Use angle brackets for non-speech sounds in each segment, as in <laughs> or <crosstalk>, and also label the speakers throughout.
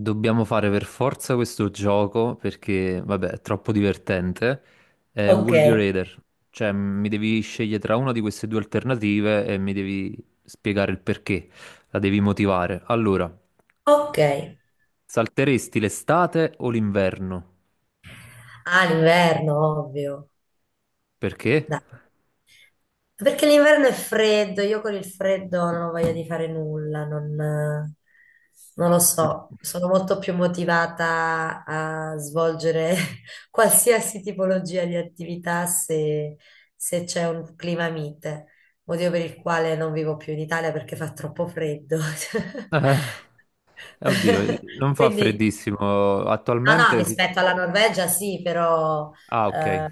Speaker 1: Dobbiamo fare per forza questo gioco perché, vabbè, è troppo divertente. È un
Speaker 2: Ok,
Speaker 1: Would You Rather, cioè mi devi scegliere tra una di queste due alternative e mi devi spiegare il perché, la devi motivare. Allora,
Speaker 2: ok.
Speaker 1: salteresti l'estate o l'inverno?
Speaker 2: Ah, l'inverno, ovvio.
Speaker 1: Perché?
Speaker 2: Dai. Perché l'inverno è freddo, io con il freddo non ho voglia di fare nulla, non lo so, sono molto più motivata a svolgere <laughs> qualsiasi tipologia di attività se c'è un clima mite, motivo per il quale non vivo più in Italia perché fa troppo freddo. <laughs>
Speaker 1: Oddio,
Speaker 2: <laughs>
Speaker 1: non fa
Speaker 2: Quindi
Speaker 1: freddissimo
Speaker 2: no, no,
Speaker 1: attualmente.
Speaker 2: rispetto alla Norvegia sì, però
Speaker 1: Ah, ok.
Speaker 2: eh,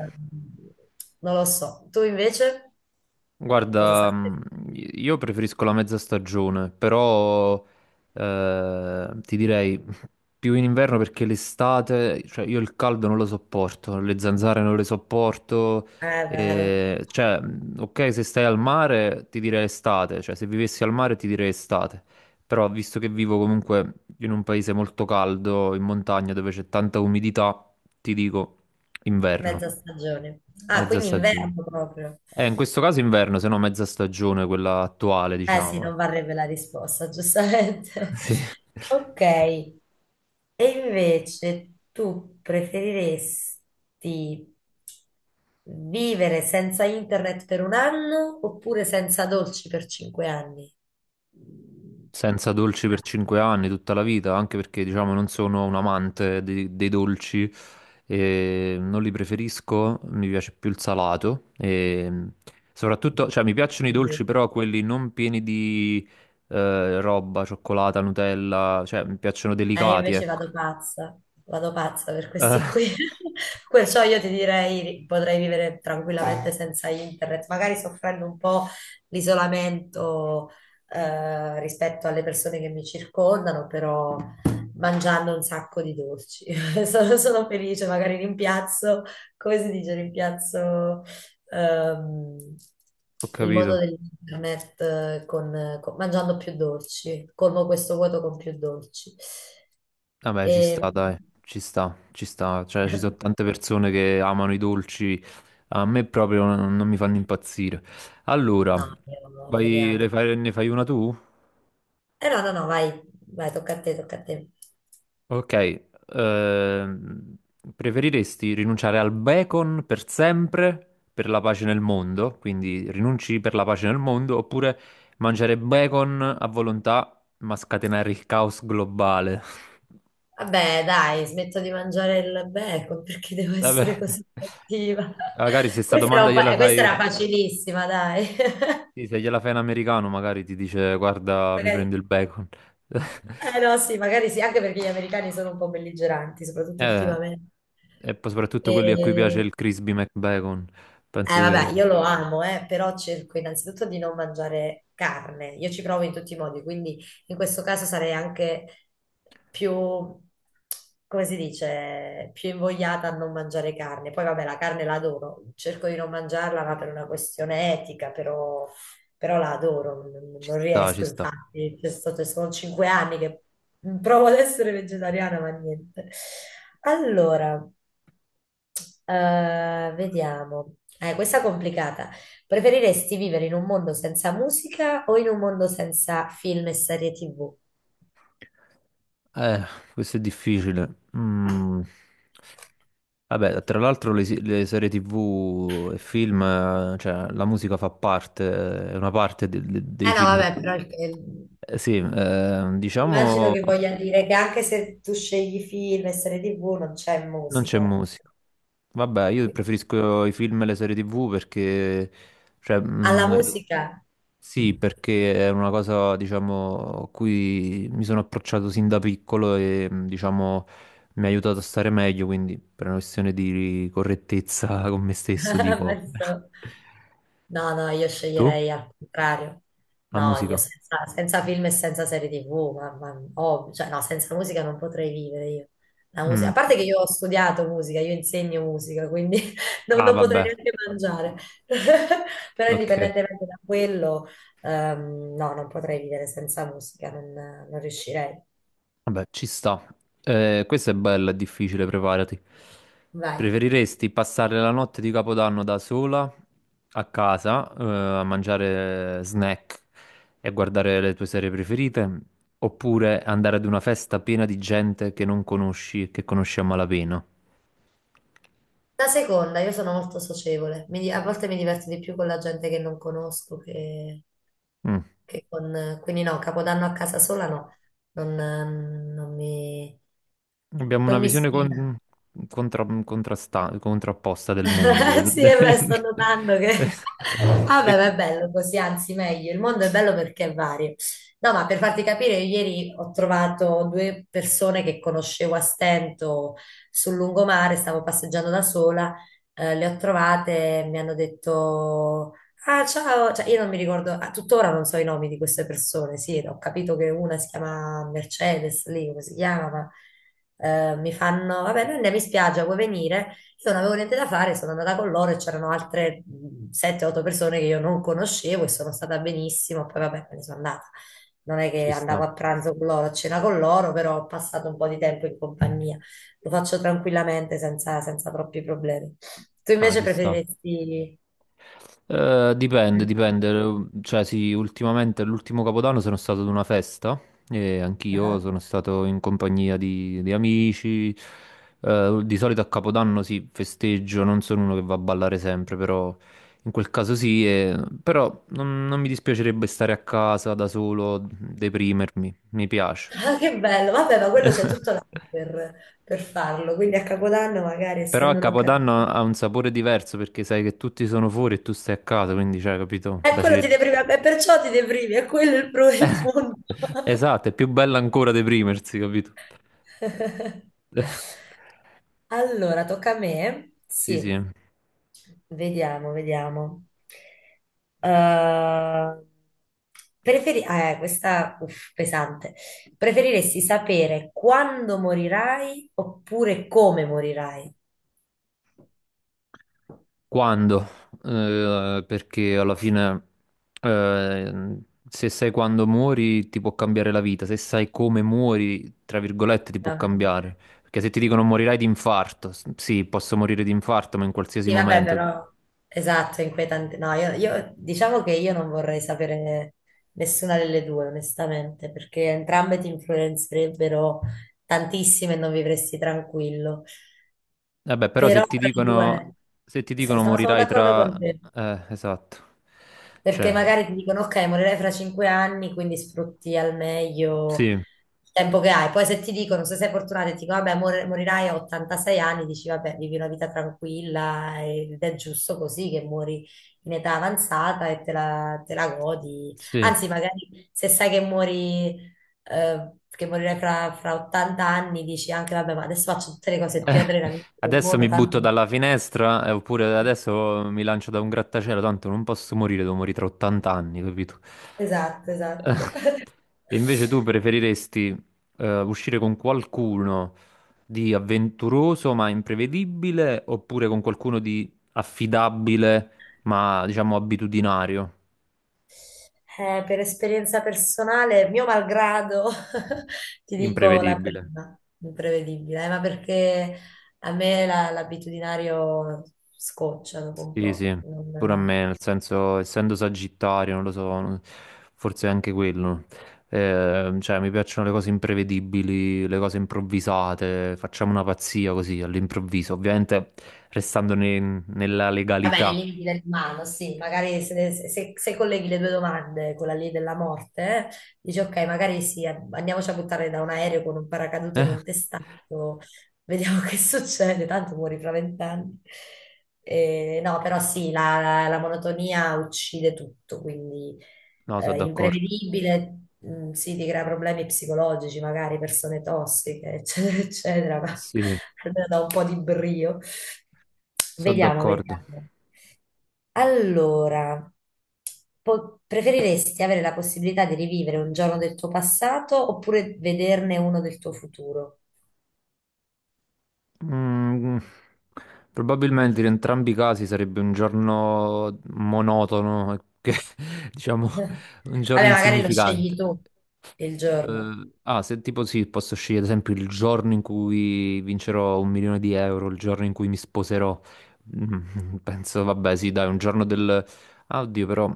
Speaker 2: non lo so. Tu invece cosa
Speaker 1: Guarda,
Speaker 2: sai?
Speaker 1: io preferisco la mezza stagione, però ti direi più in inverno perché l'estate, cioè io il caldo non lo sopporto, le zanzare non le sopporto,
Speaker 2: È vero,
Speaker 1: cioè ok se stai al mare ti direi estate, cioè se vivessi al mare ti direi estate, però visto che vivo comunque in un paese molto caldo, in montagna dove c'è tanta umidità, ti dico inverno,
Speaker 2: mezza stagione. Ah,
Speaker 1: mezza
Speaker 2: quindi inverno
Speaker 1: stagione.
Speaker 2: proprio.
Speaker 1: In questo caso inverno, se no mezza stagione, quella attuale,
Speaker 2: Eh sì,
Speaker 1: diciamo,
Speaker 2: non
Speaker 1: ecco.
Speaker 2: varrebbe la risposta,
Speaker 1: <laughs>
Speaker 2: giustamente. <laughs>
Speaker 1: Sì.
Speaker 2: Ok, e invece tu preferiresti vivere senza internet per un anno oppure senza dolci per 5 anni?
Speaker 1: Senza dolci per 5 anni, tutta la vita, anche perché, diciamo, non sono un amante dei dolci, e non li preferisco, mi piace più il salato, e soprattutto, cioè, mi piacciono i dolci,
Speaker 2: Quindi-
Speaker 1: però quelli non pieni di roba, cioccolata, Nutella, cioè, mi piacciono
Speaker 2: io
Speaker 1: delicati,
Speaker 2: invece
Speaker 1: ecco.
Speaker 2: vado pazza per questi
Speaker 1: Eh, <laughs>
Speaker 2: qui. <laughs> Perciò io ti direi potrei vivere tranquillamente senza internet, magari soffrendo un po' l'isolamento rispetto alle persone che mi circondano, però mangiando un sacco di dolci. <laughs> Sono felice, magari rimpiazzo, come si dice, rimpiazzo ehm,
Speaker 1: Ho
Speaker 2: il
Speaker 1: capito.
Speaker 2: mondo dell'internet mangiando più dolci, colmo questo vuoto con più dolci.
Speaker 1: Vabbè,
Speaker 2: E...
Speaker 1: ci sta, dai, ci sta, ci sta. Cioè, ci sono
Speaker 2: <laughs>
Speaker 1: tante persone che amano i dolci, a me proprio non mi fanno impazzire. Allora,
Speaker 2: No, io, no, io li amo.
Speaker 1: ne fai una tu?
Speaker 2: Eh no, no, no, vai, vai, tocca a te, tocca a te.
Speaker 1: Ok, ehm, preferiresti rinunciare al bacon per sempre per la pace nel mondo? Quindi rinunci per la pace nel mondo, oppure mangiare bacon a volontà ma scatenare il caos globale? <laughs>
Speaker 2: Vabbè, dai, smetto di mangiare il bacon <laughs> perché devo essere
Speaker 1: Vabbè,
Speaker 2: così cattiva.
Speaker 1: magari se
Speaker 2: <laughs>
Speaker 1: sta
Speaker 2: Questa era,
Speaker 1: domanda gliela
Speaker 2: questa
Speaker 1: fai.
Speaker 2: era facilissima, dai.
Speaker 1: Sì, se gliela fai in americano magari ti dice
Speaker 2: <laughs>
Speaker 1: guarda mi
Speaker 2: Magari-
Speaker 1: prendo il bacon. <laughs>
Speaker 2: Eh no, sì, magari sì, anche perché gli americani sono un po' belligeranti, soprattutto
Speaker 1: Eh,
Speaker 2: ultimamente.
Speaker 1: e poi soprattutto quelli a cui piace
Speaker 2: E-
Speaker 1: il crispy McBacon, penso che
Speaker 2: Vabbè, io lo amo, però cerco innanzitutto di non mangiare carne. Io ci provo in tutti i modi, quindi in questo caso sarei anche più, come si dice, più invogliata a non mangiare carne. Poi vabbè, la carne la adoro, cerco di non mangiarla, ma per una questione etica, però la adoro, non,
Speaker 1: ci
Speaker 2: non
Speaker 1: sta, ci
Speaker 2: riesco,
Speaker 1: sta.
Speaker 2: infatti. Sono 5 anni che provo ad essere vegetariana, ma niente. Allora, vediamo. Questa è complicata. Preferiresti vivere in un mondo senza musica o in un mondo senza film e serie TV?
Speaker 1: Eh, Questo è difficile. Mm. Vabbè, tra l'altro le serie TV e film, cioè la musica fa parte, è una parte dei
Speaker 2: Eh no,
Speaker 1: film.
Speaker 2: vabbè, però
Speaker 1: Sì,
Speaker 2: immagino
Speaker 1: diciamo
Speaker 2: che voglia dire che anche se tu scegli film e serie TV non c'è
Speaker 1: non c'è
Speaker 2: musica.
Speaker 1: musica. Vabbè, io
Speaker 2: Qui.
Speaker 1: preferisco i film e le serie TV perché, cioè,
Speaker 2: Alla musica.
Speaker 1: sì, perché è una cosa, diciamo, a cui mi sono approcciato sin da piccolo e, diciamo, mi ha aiutato a stare meglio, quindi per una questione di correttezza <laughs> con me stesso
Speaker 2: <laughs>
Speaker 1: dico. <laughs>
Speaker 2: Penso. No, no, io
Speaker 1: Tu?
Speaker 2: sceglierei al contrario.
Speaker 1: La
Speaker 2: No, io
Speaker 1: musica?
Speaker 2: senza film e senza serie TV, oh, cioè, no, senza musica non potrei vivere io. La musica, a
Speaker 1: Mm.
Speaker 2: parte che io ho studiato musica, io insegno musica, quindi <laughs> non,
Speaker 1: Ah,
Speaker 2: non potrei
Speaker 1: vabbè,
Speaker 2: neanche mangiare. <laughs> Però
Speaker 1: ok.
Speaker 2: indipendentemente da quello, no, non potrei vivere senza musica, non riuscirei.
Speaker 1: Vabbè, ci sta. Questa è bella, è difficile, preparati.
Speaker 2: Vai.
Speaker 1: Preferiresti passare la notte di Capodanno da sola a casa, a mangiare snack e guardare le tue serie preferite, oppure andare ad una festa piena di gente che non conosci e che conosci a malapena?
Speaker 2: La seconda, io sono molto socievole, a volte mi diverto di più con la gente che non conosco che...
Speaker 1: Mm.
Speaker 2: quindi no, Capodanno a casa sola no, non, ehm, non mi,
Speaker 1: Abbiamo una
Speaker 2: non mi
Speaker 1: visione
Speaker 2: ispira.
Speaker 1: contrapposta del mondo.
Speaker 2: <laughs> Sì, e beh, sto notando che...
Speaker 1: <laughs>
Speaker 2: <laughs>
Speaker 1: E
Speaker 2: Vabbè, ma è bello così, anzi meglio. Il mondo è bello perché è vario. No, ma per farti capire, io ieri ho trovato due persone che conoscevo a stento sul lungomare, stavo passeggiando da sola, le ho trovate, e mi hanno detto... Ah, ciao, cioè, io non mi ricordo, a tuttora non so i nomi di queste persone, sì, ho capito che una si chiama Mercedes, lì come si chiama, ma mi fanno, vabbè, noi andiamo in spiaggia, vuoi venire? Io non avevo niente da fare, sono andata con loro e c'erano altre 7-8 persone che io non conoscevo e sono stata benissimo. Poi vabbè, me ne sono andata. Non è che
Speaker 1: ci sta,
Speaker 2: andavo a pranzo con loro, a cena con loro, però ho passato un po' di tempo in compagnia. Lo faccio tranquillamente, senza troppi problemi. Tu
Speaker 1: ah,
Speaker 2: invece
Speaker 1: ci sta.
Speaker 2: preferiresti...
Speaker 1: Dipende, dipende. Cioè, sì, ultimamente, l'ultimo Capodanno sono stato ad una festa e anch'io
Speaker 2: Ah,
Speaker 1: sono stato in compagnia di amici. Di solito a Capodanno sì, festeggio, non sono uno che va a ballare sempre, però in quel caso sì. Però non mi dispiacerebbe stare a casa da solo, deprimermi, mi piace.
Speaker 2: ah, che bello! Vabbè, ma quello c'è tutto l'anno
Speaker 1: <laughs>
Speaker 2: per farlo, quindi a Capodanno magari
Speaker 1: Però a
Speaker 2: essendo un'occasione...
Speaker 1: Capodanno ha un sapore diverso perché sai che tutti sono fuori e tu stai a casa, quindi, cioè, capito?
Speaker 2: E
Speaker 1: La
Speaker 2: quello ti deprime, e perciò ti deprimi, è quello
Speaker 1: <laughs>
Speaker 2: il
Speaker 1: Eh,
Speaker 2: punto. <laughs>
Speaker 1: esatto, è più bella ancora deprimersi, capito? Eh,
Speaker 2: <laughs> Allora, tocca a me?
Speaker 1: Sì, sì.
Speaker 2: Sì, vediamo, vediamo. Eh, questa, uff, pesante. Preferiresti sapere quando morirai oppure come morirai?
Speaker 1: Quando? Perché alla fine, eh, se sai quando muori, ti può cambiare la vita. Se sai come muori, tra virgolette, ti può
Speaker 2: No,
Speaker 1: cambiare. Perché se ti dicono morirai di infarto, sì, posso morire di infarto, ma in qualsiasi
Speaker 2: sì, vabbè,
Speaker 1: momento.
Speaker 2: però esatto, è inquietante. No, diciamo che io non vorrei sapere nessuna delle due, onestamente, perché entrambe ti influenzerebbero tantissime e non vivresti tranquillo.
Speaker 1: Vabbè, però
Speaker 2: Però
Speaker 1: se ti
Speaker 2: tra le
Speaker 1: dicono,
Speaker 2: due,
Speaker 1: se ti dicono
Speaker 2: no, sono
Speaker 1: morirai
Speaker 2: d'accordo
Speaker 1: tra.
Speaker 2: con te.
Speaker 1: Esatto.
Speaker 2: Perché
Speaker 1: Cioè,
Speaker 2: magari ti dicono, ok, morirai fra 5 anni, quindi sfrutti al meglio
Speaker 1: sì.
Speaker 2: il tempo che hai. Poi se ti dicono, se sei fortunato e ti dicono, vabbè, morirai a 86 anni, dici, vabbè, vivi una vita tranquilla ed è giusto così che muori in età avanzata e te la godi.
Speaker 1: Sì.
Speaker 2: Anzi, magari se sai che muori, che morirai fra 80 anni, dici anche, vabbè, ma adesso faccio tutte le cose più
Speaker 1: Eh,
Speaker 2: adrenaliniche del
Speaker 1: Adesso
Speaker 2: mondo,
Speaker 1: mi butto
Speaker 2: tanto...
Speaker 1: dalla finestra, oppure adesso mi lancio da un grattacielo, tanto non posso morire, devo morire tra 80 anni, capito? <laughs>
Speaker 2: Esatto,
Speaker 1: Eh,
Speaker 2: esatto.
Speaker 1: E
Speaker 2: <laughs>
Speaker 1: invece tu preferiresti uscire con qualcuno di avventuroso ma imprevedibile, oppure con qualcuno di affidabile ma diciamo abitudinario,
Speaker 2: Per esperienza personale, mio malgrado, <laughs> ti dico la
Speaker 1: imprevedibile?
Speaker 2: prima, imprevedibile, ma perché a me l'abitudinario scoccia dopo un
Speaker 1: Sì,
Speaker 2: po'.
Speaker 1: sì, pure a me, nel senso, essendo sagittario, non lo so, forse è anche quello. Cioè, mi piacciono le cose imprevedibili, le cose improvvisate, facciamo una pazzia così all'improvviso, ovviamente restando nella
Speaker 2: Va bene, i
Speaker 1: legalità.
Speaker 2: limiti dell'umano, sì, magari se colleghi le due domande, quella lì della morte, eh, dici ok, magari sì, andiamoci a buttare da un aereo con un paracadute
Speaker 1: Eh?
Speaker 2: non testato, vediamo <laughs> che succede, tanto muori fra 20 anni. No, però sì, la monotonia uccide tutto, quindi
Speaker 1: No, sono d'accordo.
Speaker 2: imprevedibile, sì, ti crea problemi psicologici, magari persone tossiche, <laughs> eccetera, eccetera, ma
Speaker 1: Sì,
Speaker 2: <laughs> almeno da un po' di brio.
Speaker 1: sono
Speaker 2: Vediamo,
Speaker 1: d'accordo.
Speaker 2: vediamo. Allora, preferiresti avere la possibilità di rivivere un giorno del tuo passato oppure vederne uno del tuo futuro?
Speaker 1: Mm, Probabilmente in entrambi i casi sarebbe un giorno monotono, che, <laughs> diciamo,
Speaker 2: <laughs>
Speaker 1: un giorno
Speaker 2: Vabbè, magari lo scegli
Speaker 1: insignificante.
Speaker 2: tu il giorno.
Speaker 1: Ah, se tipo sì, posso scegliere ad esempio il giorno in cui vincerò 1 milione di euro, il giorno in cui mi sposerò. <laughs> Penso, vabbè, sì, dai, un giorno del. Ah, oddio, però,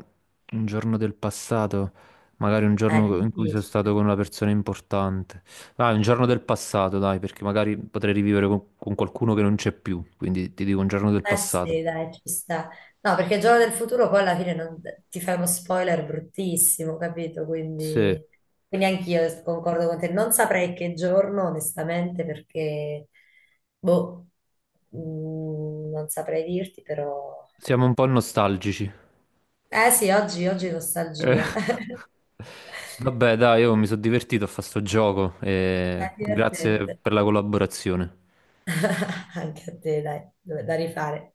Speaker 1: un giorno del passato, magari un
Speaker 2: Ah, è
Speaker 1: giorno in cui sono stato
Speaker 2: difficile.
Speaker 1: con una persona importante. Dai, un giorno del passato, dai, perché magari potrei rivivere con, qualcuno che non c'è più, quindi ti dico un giorno del
Speaker 2: Eh
Speaker 1: passato.
Speaker 2: sì, dai, ci sta. No, perché giorno del futuro poi alla fine ti fai uno spoiler bruttissimo, capito?
Speaker 1: Sì,
Speaker 2: Quindi, anch'io concordo con te. Non saprei che giorno, onestamente, perché, boh, non saprei dirti, però...
Speaker 1: siamo un po' nostalgici.
Speaker 2: Eh sì, oggi, oggi
Speaker 1: Eh,
Speaker 2: nostalgia. <laughs>
Speaker 1: Vabbè, dai, io mi sono divertito a fare sto gioco
Speaker 2: È
Speaker 1: e grazie
Speaker 2: divertente.
Speaker 1: per la collaborazione.
Speaker 2: <laughs> Anche a te, dai, da rifare.